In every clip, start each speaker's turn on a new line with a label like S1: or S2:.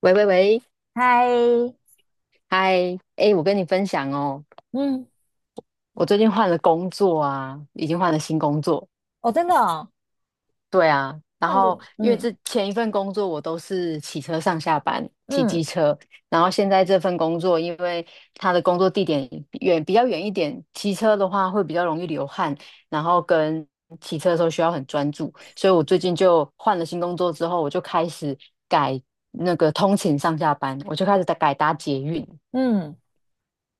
S1: 喂喂喂，
S2: 嗨。
S1: 嗨，哎，我跟你分享哦，
S2: 嗯。
S1: 我最近换了工作啊，已经换了新工作。
S2: 哦，真的哦？
S1: 对啊，然
S2: 换
S1: 后
S2: 不，
S1: 因为
S2: 嗯
S1: 之前一份工作我都是骑车上下班，骑
S2: 嗯
S1: 机车，然后现在这份工作，因为它的工作地点比较远一点，骑车的话会比较容易流汗，然后跟骑车的时候需要很专注，所以我最近就换了新工作之后，我就开始改通勤上下班，我就开始改搭捷运。
S2: 嗯。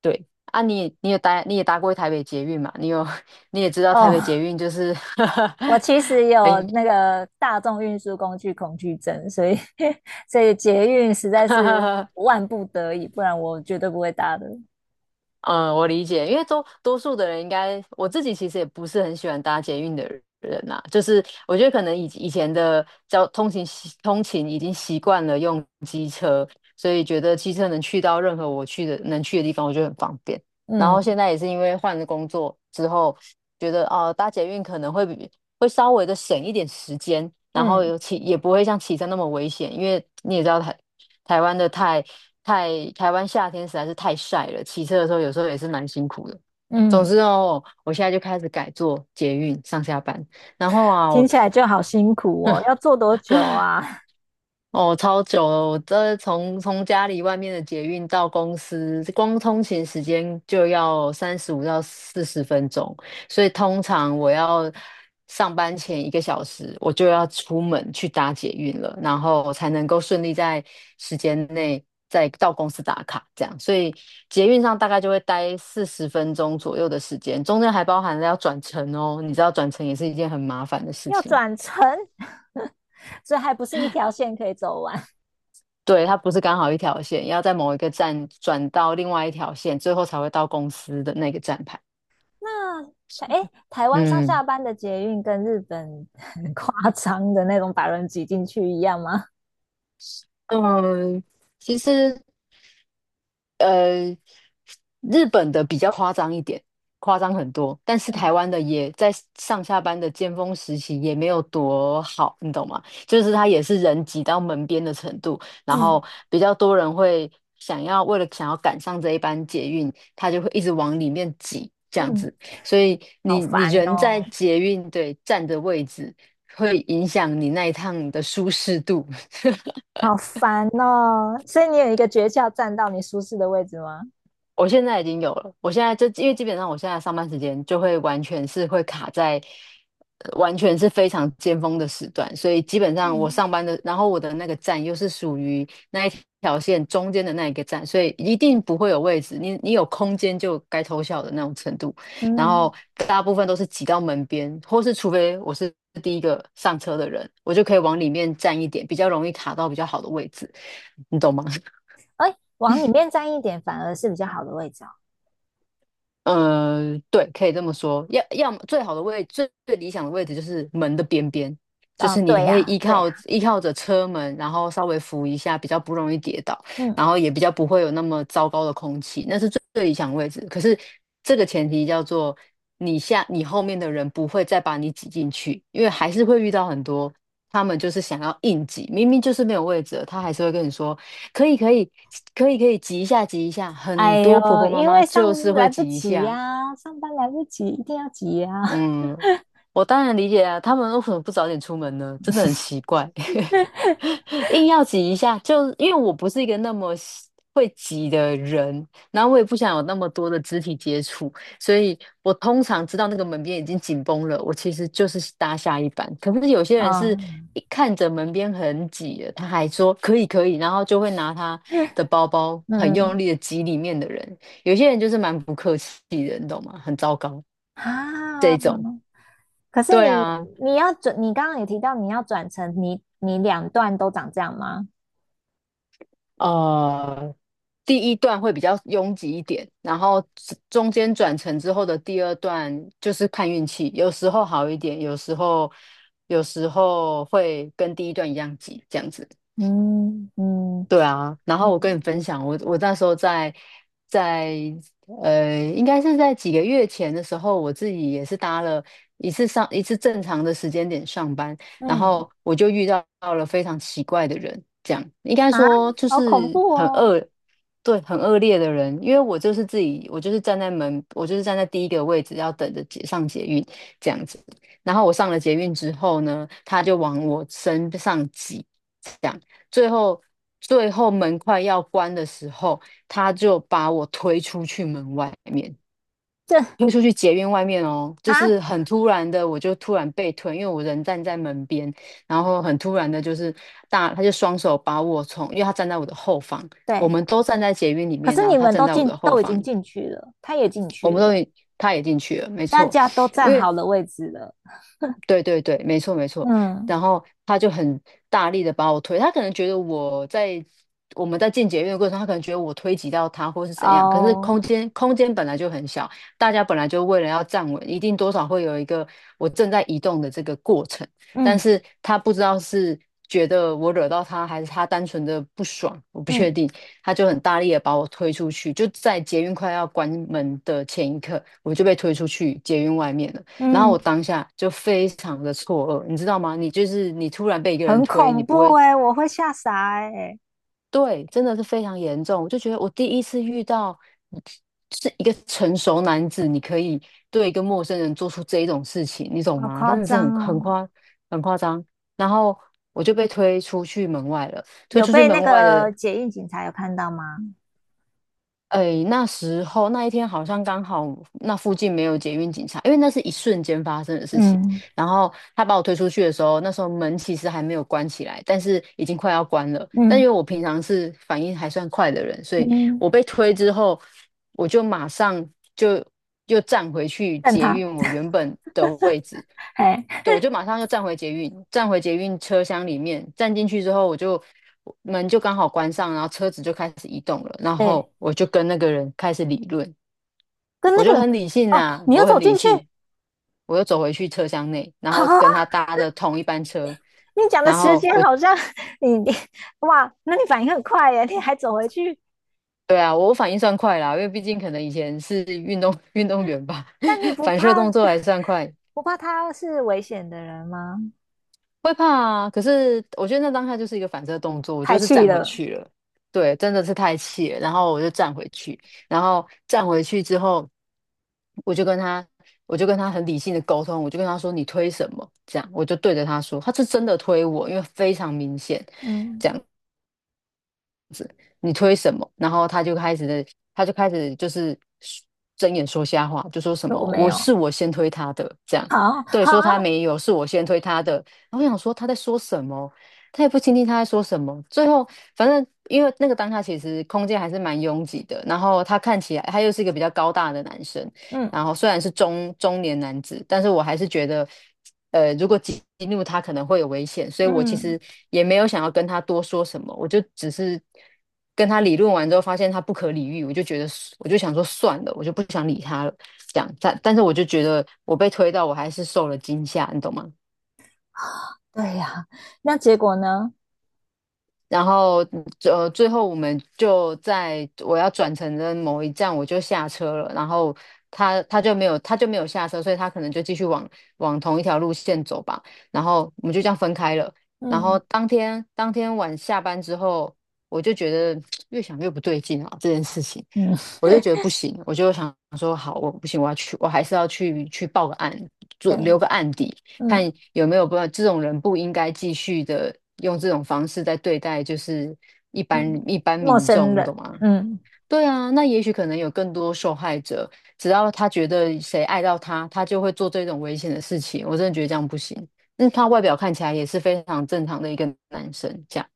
S1: 对啊你也搭过台北捷运嘛？你也知道台北捷
S2: 哦，
S1: 运就是
S2: 我其实 有
S1: 很
S2: 那个大众运输工具恐惧症，所以 所以捷运实在是 万不得已，不然我绝对不会搭的。
S1: 嗯，我理解，因为多数的人应该，我自己其实也不是很喜欢搭捷运的人呐、就是我觉得可能以前的交通勤习通勤已经习惯了用机车，所以觉得机车能去到任何我去的能去的地方，我觉得很方便。然后现
S2: 嗯
S1: 在也是因为换了工作之后，觉得哦、搭捷运可能会稍微的省一点时间，然后
S2: 嗯
S1: 尤其也不会像骑车那么危险，因为你也知道台台湾的太太台湾夏天实在是太晒了，骑车的时候有时候也是蛮辛苦的。总
S2: 嗯。
S1: 之哦，我现在就开始改坐捷运上下班，然后啊，
S2: 听
S1: 我
S2: 起来就好辛苦哦，要坐多久啊？
S1: 哦，超久了！我这从家里外面的捷运到公司，光通勤时间就要35到40分钟，所以通常我要上班前一个小时，我就要出门去搭捷运了，然后才能够顺利在时间内再到公司打卡，这样。所以捷运上大概就会待四十分钟左右的时间，中间还包含了要转乘哦，你知道转乘也是一件很麻烦的事
S2: 要
S1: 情。
S2: 转乘。所以还不是一条线可以走完。
S1: 对，它不是刚好一条线，要在某一个站转到另外一条线，最后才会到公司的那个站牌。
S2: 那台哎，台湾上下
S1: 嗯
S2: 班的捷运跟日本很夸张的那种把人挤进去一样吗？
S1: 嗯，其实呃，日本的比较夸张一点，夸张很多，但是
S2: 嗯
S1: 台湾的也在上下班的尖峰时期也没有多好，你懂吗？就是它也是人挤到门边的程度，然
S2: 嗯
S1: 后比较多人会为了想要赶上这一班捷运，他就会一直往里面挤这样
S2: 嗯。
S1: 子，所以
S2: 好
S1: 你
S2: 烦
S1: 人在
S2: 哦，
S1: 捷运站的位置会影响你那一趟的舒适度。
S2: 好烦哦。所以你有一个诀窍，站到你舒适的位置吗？
S1: 我现在已经有了，我现在就因为基本上我现在上班时间就会完全是会卡在，完全是非常尖峰的时段，所以基本上我
S2: 嗯，
S1: 上班的，然后我的那个站又是属于那一条线中间的那一个站，所以一定不会有位置，你有空间就该偷笑的那种程度，然
S2: 嗯，
S1: 后大部分都是挤到门边，或是除非我是第一个上车的人，我就可以往里面站一点，比较容易卡到比较好的位置，你懂吗？
S2: 哎，往里面站一点反而是比较好的位置哦。
S1: 对，可以这么说。要要么最好的位，最最理想的位置就是门的边边，就
S2: 哦，
S1: 是你
S2: 对
S1: 可以
S2: 呀，
S1: 依
S2: 对
S1: 靠
S2: 呀。
S1: 依靠着车门，然后稍微扶一下，比较不容易跌倒，
S2: 嗯。
S1: 然后也比较不会有那么糟糕的空气，那是最最理想的位置。可是这个前提叫做你后面的人不会再把你挤进去，因为还是会遇到很多他们就是想要硬挤，明明就是没有位置了他还是会跟你说。可以可以可以可以挤一下挤一下，很
S2: 哎呦，
S1: 多婆婆妈
S2: 因
S1: 妈
S2: 为上
S1: 就是
S2: 来
S1: 会
S2: 不
S1: 挤一
S2: 及
S1: 下，
S2: 呀，上班来不及，一定要挤呀。
S1: 嗯，我当然理解啊，他们为什么不早点出门呢？真的很奇怪，硬要挤一下，就因为我不是一个那么会挤的人，然后我也不想有那么多的肢体接触，所以我通常知道那个门边已经紧绷了，我其实就是搭下一班。可是有些人是
S2: 啊，
S1: 一看着门边很挤了，他还说可以可以，然后就会拿他的包包很用
S2: 嗯，
S1: 力的挤里面的人。有些人就是蛮不客气的，你懂吗？很糟糕这
S2: 啊，
S1: 一种。
S2: 可是
S1: 对
S2: 你
S1: 啊，
S2: 你要转，你刚刚也提到你要转成你两段都长这样吗？
S1: 呃，第一段会比较拥挤一点，然后中间转乘之后的第二段就是看运气，有时候好一点，有时候会跟第一段一样挤，这样子。
S2: 嗯嗯
S1: 对啊，然后我跟你
S2: 嗯
S1: 分享，我那时候在应该是在几个月前的时候，我自己也是搭了一次上一次正常的时间点上班，然
S2: 嗯
S1: 后我就遇到了非常奇怪的人，这样应该
S2: 啊，
S1: 说就
S2: 好恐
S1: 是
S2: 怖
S1: 很
S2: 哦！
S1: 恶，对，很恶劣的人，因为我就是自己，我就是站在门，我就是站在第一个位置，要等着上捷运这样子，然后我上了捷运之后呢，他就往我身上挤。讲，最后最后门快要关的时候，他就把我推出去门外面，
S2: 这
S1: 推出去捷运外面哦，就
S2: 啊，
S1: 是很突然的，我就突然被推，因为我人站在门边，然后很突然的，就是他就双手把我从，因为他站在我的后方，我们
S2: 对，
S1: 都站在捷运里
S2: 可
S1: 面，
S2: 是
S1: 然后
S2: 你
S1: 他
S2: 们
S1: 站
S2: 都
S1: 在我
S2: 进
S1: 的后
S2: 都已
S1: 方，
S2: 经进去了，他也进
S1: 我
S2: 去
S1: 们都
S2: 了，
S1: 已他也进去了，没
S2: 大
S1: 错，
S2: 家都站
S1: 因为
S2: 好了位置了。
S1: 对对对，没错没错。
S2: 嗯
S1: 然后他就很大力的把我推，他可能觉得我在我们在进捷运的过程中他可能觉得我推挤到他或是怎样。可是
S2: 哦，
S1: 空间本来就很小，大家本来就为了要站稳，一定多少会有一个我正在移动的这个过程。但
S2: 嗯
S1: 是他不知道是觉得我惹到他，还是他单纯的不爽，我不确
S2: 嗯
S1: 定。他就很大力的把我推出去，就在捷运快要关门的前一刻，我就被推出去捷运外面了。然后我
S2: 嗯。
S1: 当下就非常的错愕，你知道吗？你就是你突然被一个人
S2: 很
S1: 推，你
S2: 恐
S1: 不
S2: 怖
S1: 会，
S2: 哎，我会吓傻哎。
S1: 对，真的是非常严重。我就觉得我第一次遇到是一个成熟男子，你可以对一个陌生人做出这一种事情，你懂
S2: 好
S1: 吗？
S2: 夸
S1: 真的是
S2: 张
S1: 很很
S2: 哦！
S1: 夸很夸张。然后我就被推出去门外了。推
S2: 有
S1: 出去
S2: 被那
S1: 门外的
S2: 个解印警察有看到吗？
S1: 哎，那时候那一天好像刚好那附近没有捷运警察，因为那是一瞬间发生的事情。
S2: 嗯
S1: 然后他把我推出去的时候，那时候门其实还没有关起来，但是已经快要关了。但因
S2: 嗯
S1: 为我平常是反应还算快的人，所以
S2: 嗯。
S1: 我被推之后，我就马上就又站回去
S2: 瞪
S1: 捷
S2: 他。
S1: 运我原本的位置，
S2: 哎
S1: 对，我就马上又站回捷运，站回捷运车厢里面，站进去之后，我就门就刚好关上，然后车子就开始移动了，然
S2: 哎，
S1: 后我就跟那个人开始理论，
S2: 跟那
S1: 我
S2: 个
S1: 就
S2: 人。
S1: 很理性
S2: 哦，
S1: 啊，
S2: 你又
S1: 我
S2: 走
S1: 很理
S2: 进去？
S1: 性，我又走回去车厢内，然后跟
S2: 啊？
S1: 他搭的同一班车，
S2: 你讲的
S1: 然
S2: 时
S1: 后
S2: 间
S1: 我
S2: 好像你你哇，那你反应很快耶，你还走回去。
S1: 对啊，我反应算快啦，因为毕竟可能以前是运动 运动员吧，
S2: 但你 不
S1: 反射
S2: 怕
S1: 动作还算快。
S2: 不怕他是危险的人吗？
S1: 会怕啊，可是我觉得那当下就是一个反射动作，我
S2: 太
S1: 就是
S2: 气
S1: 站回
S2: 了。
S1: 去了。对，真的是太气了，然后我就站回去，然后站回去之后，我就跟他，我就跟他很理性的沟通，我就跟他说你推什么，这样，我就对着他说，他是真的推我，因为非常明显。
S2: 嗯。
S1: 这样。你推什么？然后他就开始的，他就开始就是睁眼说瞎话，就说什
S2: 说
S1: 么
S2: 我没
S1: 我
S2: 有。
S1: 是我先推他的，这样
S2: 好
S1: 对，
S2: 好。
S1: 说他没有，是我先推他的。然后我想说他在说什么，他也不听他在说什么。最后反正因为那个当下其实空间还是蛮拥挤的，然后他看起来他又是一个比较高大的男生，
S2: 嗯
S1: 然后虽然是中年男子，但是我还是觉得，如果激怒他可能会有危险，所以我其
S2: 嗯。
S1: 实也没有想要跟他多说什么，我就只是跟他理论完之后，发现他不可理喻，我就觉得我就想说算了，我就不想理他了，这样。但是我就觉得我被推到，我还是受了惊吓，你懂吗？
S2: 对呀，那结果呢？
S1: 然后最后我们就在我要转乘的某一站，我就下车了，然后他就没有下车，所以他可能就继续往同一条路线走吧，然后我们就这样分开了。然后
S2: 嗯
S1: 当天晚下班之后，我就觉得 越想越不对劲啊，这件事情。
S2: 嗯。
S1: 我就觉得不行，我就想说，好，我不行，我要去，我还是要去报个案，做留
S2: 对。
S1: 个案底，看
S2: 嗯
S1: 有没有不法。这种人不应该继续的用这种方式在对待，就是一般
S2: 嗯。
S1: 一般
S2: 陌
S1: 民
S2: 生
S1: 众，你
S2: 人。
S1: 懂吗？
S2: 嗯
S1: 对啊，那也许可能有更多受害者，只要他觉得谁爱到他，他就会做这种危险的事情。我真的觉得这样不行。那他外表看起来也是非常正常的一个男生，这样。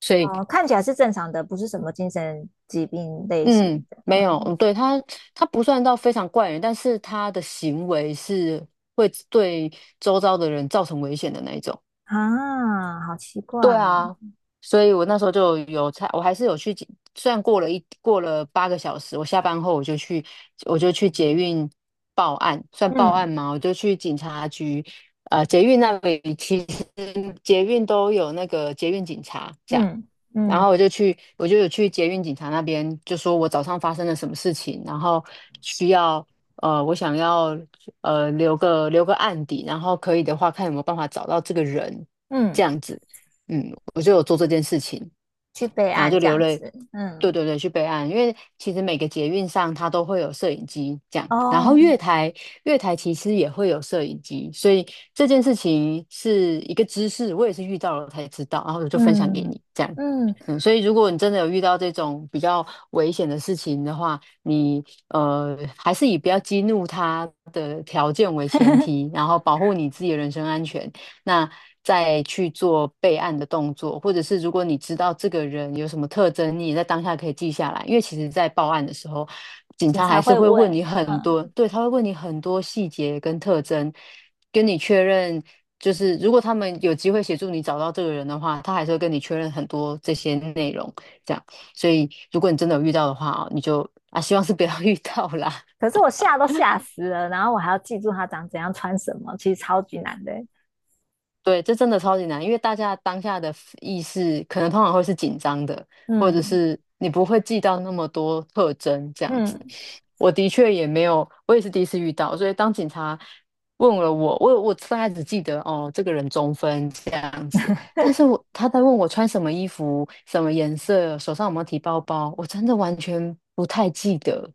S1: 所以
S2: 哦，看起来是正常的，不是什么精神疾病类型
S1: 嗯，没
S2: 的。
S1: 有，嗯，对，他，他不算到非常怪人，但是他的行为是会对周遭的人造成危险的那一种。
S2: 啊，好奇
S1: 对
S2: 怪。
S1: 啊，所以我那时候就有才，我还是有去捷，虽然过了8个小时，我下班后我就去，我就去捷运报案，算报
S2: 嗯
S1: 案吗？我就去警察局，捷运那里其实捷运都有那个捷运警察。这样。
S2: 嗯
S1: 然后
S2: 嗯
S1: 我就去，我就有去捷运警察那边，就说我早上发生了什么事情，然后需要我想要留个案底，然后可以的话看有没有办法找到这个人，这
S2: 嗯。
S1: 样子，嗯，我就有做这件事情。
S2: 去备
S1: 然后
S2: 案
S1: 就
S2: 这
S1: 留
S2: 样
S1: 了，
S2: 子。嗯
S1: 对对对，去备案，因为其实每个捷运上它都会有摄影机这样，然
S2: 哦，
S1: 后月台其实也会有摄影机，所以这件事情是一个知识，我也是遇到了才知道，然后我就分享给
S2: 嗯
S1: 你这样。
S2: 嗯。
S1: 嗯，所以如果你真的有遇到这种比较危险的事情的话，你还是以不要激怒他的条件为前提，然后保护你自己的人身安全。那再去做备案的动作，或者是如果你知道这个人有什么特征，你也在当下可以记下来，因为其实在报案的时候，警
S2: 警
S1: 察
S2: 察
S1: 还是
S2: 会
S1: 会
S2: 问。
S1: 问你很多，
S2: 嗯，
S1: 对，他会问你很多细节跟特征，跟你确认。就是如果他们有机会协助你找到这个人的话，他还是会跟你确认很多这些内容，这样。所以如果你真的有遇到的话哦，你就啊，希望是不要 遇到啦。
S2: 可是我吓都吓死了，然后我还要记住他长怎样穿什么，其实超级难的欸。
S1: 对，这真的超级难，因为大家当下的 意识可能通常会是紧张的，或者
S2: 嗯
S1: 是你不会记到那么多特征这样子。
S2: 嗯
S1: 我的确也没有，我也是第一次遇到，所以当警察问了我，我大概只记得哦，这个人中分这样子，但是我他在问我穿什么衣服、什么颜色、手上有没有提包包，我真的完全不太记得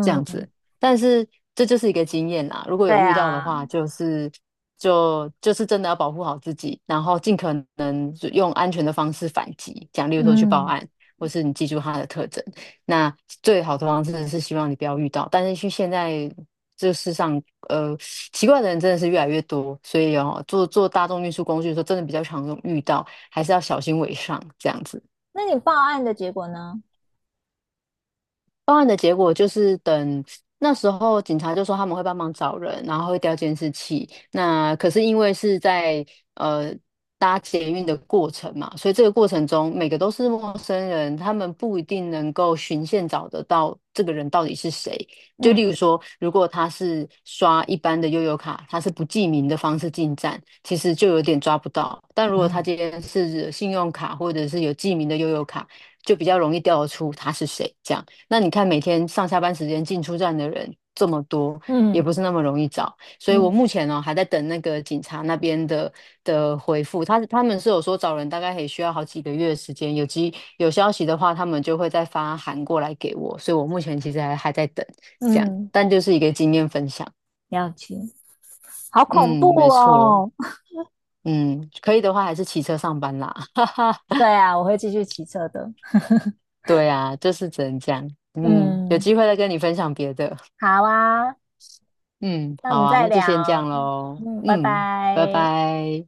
S1: 这样子。但是这就是一个经验啦，如果
S2: 对
S1: 有遇到的
S2: 啊。
S1: 话，就是。就是真的要保护好自己，然后尽可能就用安全的方式反击，讲例如说去报
S2: 嗯，
S1: 案，或是你记住他的特征。那最好的方式是希望你不要遇到，但是去现在这世上，呃，奇怪的人真的是越来越多，所以哦，坐大众运输工具的时候，真的比较常用遇到，还是要小心为上这样子。
S2: 那你报案的结果呢？
S1: 报案的结果就是等那时候警察就说他们会帮忙找人，然后会调监视器。那可是因为是在呃搭捷运的过程嘛，所以这个过程中每个都是陌生人，他们不一定能够循线找得到这个人到底是谁。就
S2: 嗯
S1: 例如说，如果他是刷一般的悠游卡，他是不记名的方式进站，其实就有点抓不到。但如果他
S2: 嗯
S1: 今天是信用卡或者是有记名的悠游卡，就比较容易调得出他是谁这样。那你看，每天上下班时间进出站的人这么多，也
S2: 嗯
S1: 不是那么容易找。所以我目
S2: 嗯
S1: 前呢、还在等那个警察那边的回复。他们是有说找人大概也需要好几个月的时间，有消息的话，他们就会再发函过来给我。所以我目前其实还在等这样，
S2: 嗯。
S1: 但就是一个经验分享。
S2: 了解。好恐怖
S1: 嗯，没错。
S2: 哦。
S1: 嗯，可以的话还是骑车上班啦。哈哈，
S2: 对啊，我会继续骑车的。
S1: 对啊，就是只能这样。嗯，有
S2: 嗯，
S1: 机会再跟你分享别的。
S2: 好啊。
S1: 嗯，
S2: 那我
S1: 好
S2: 们
S1: 啊，
S2: 再
S1: 那就先这样
S2: 聊。
S1: 喽。
S2: 嗯，拜
S1: 嗯，拜
S2: 拜。
S1: 拜。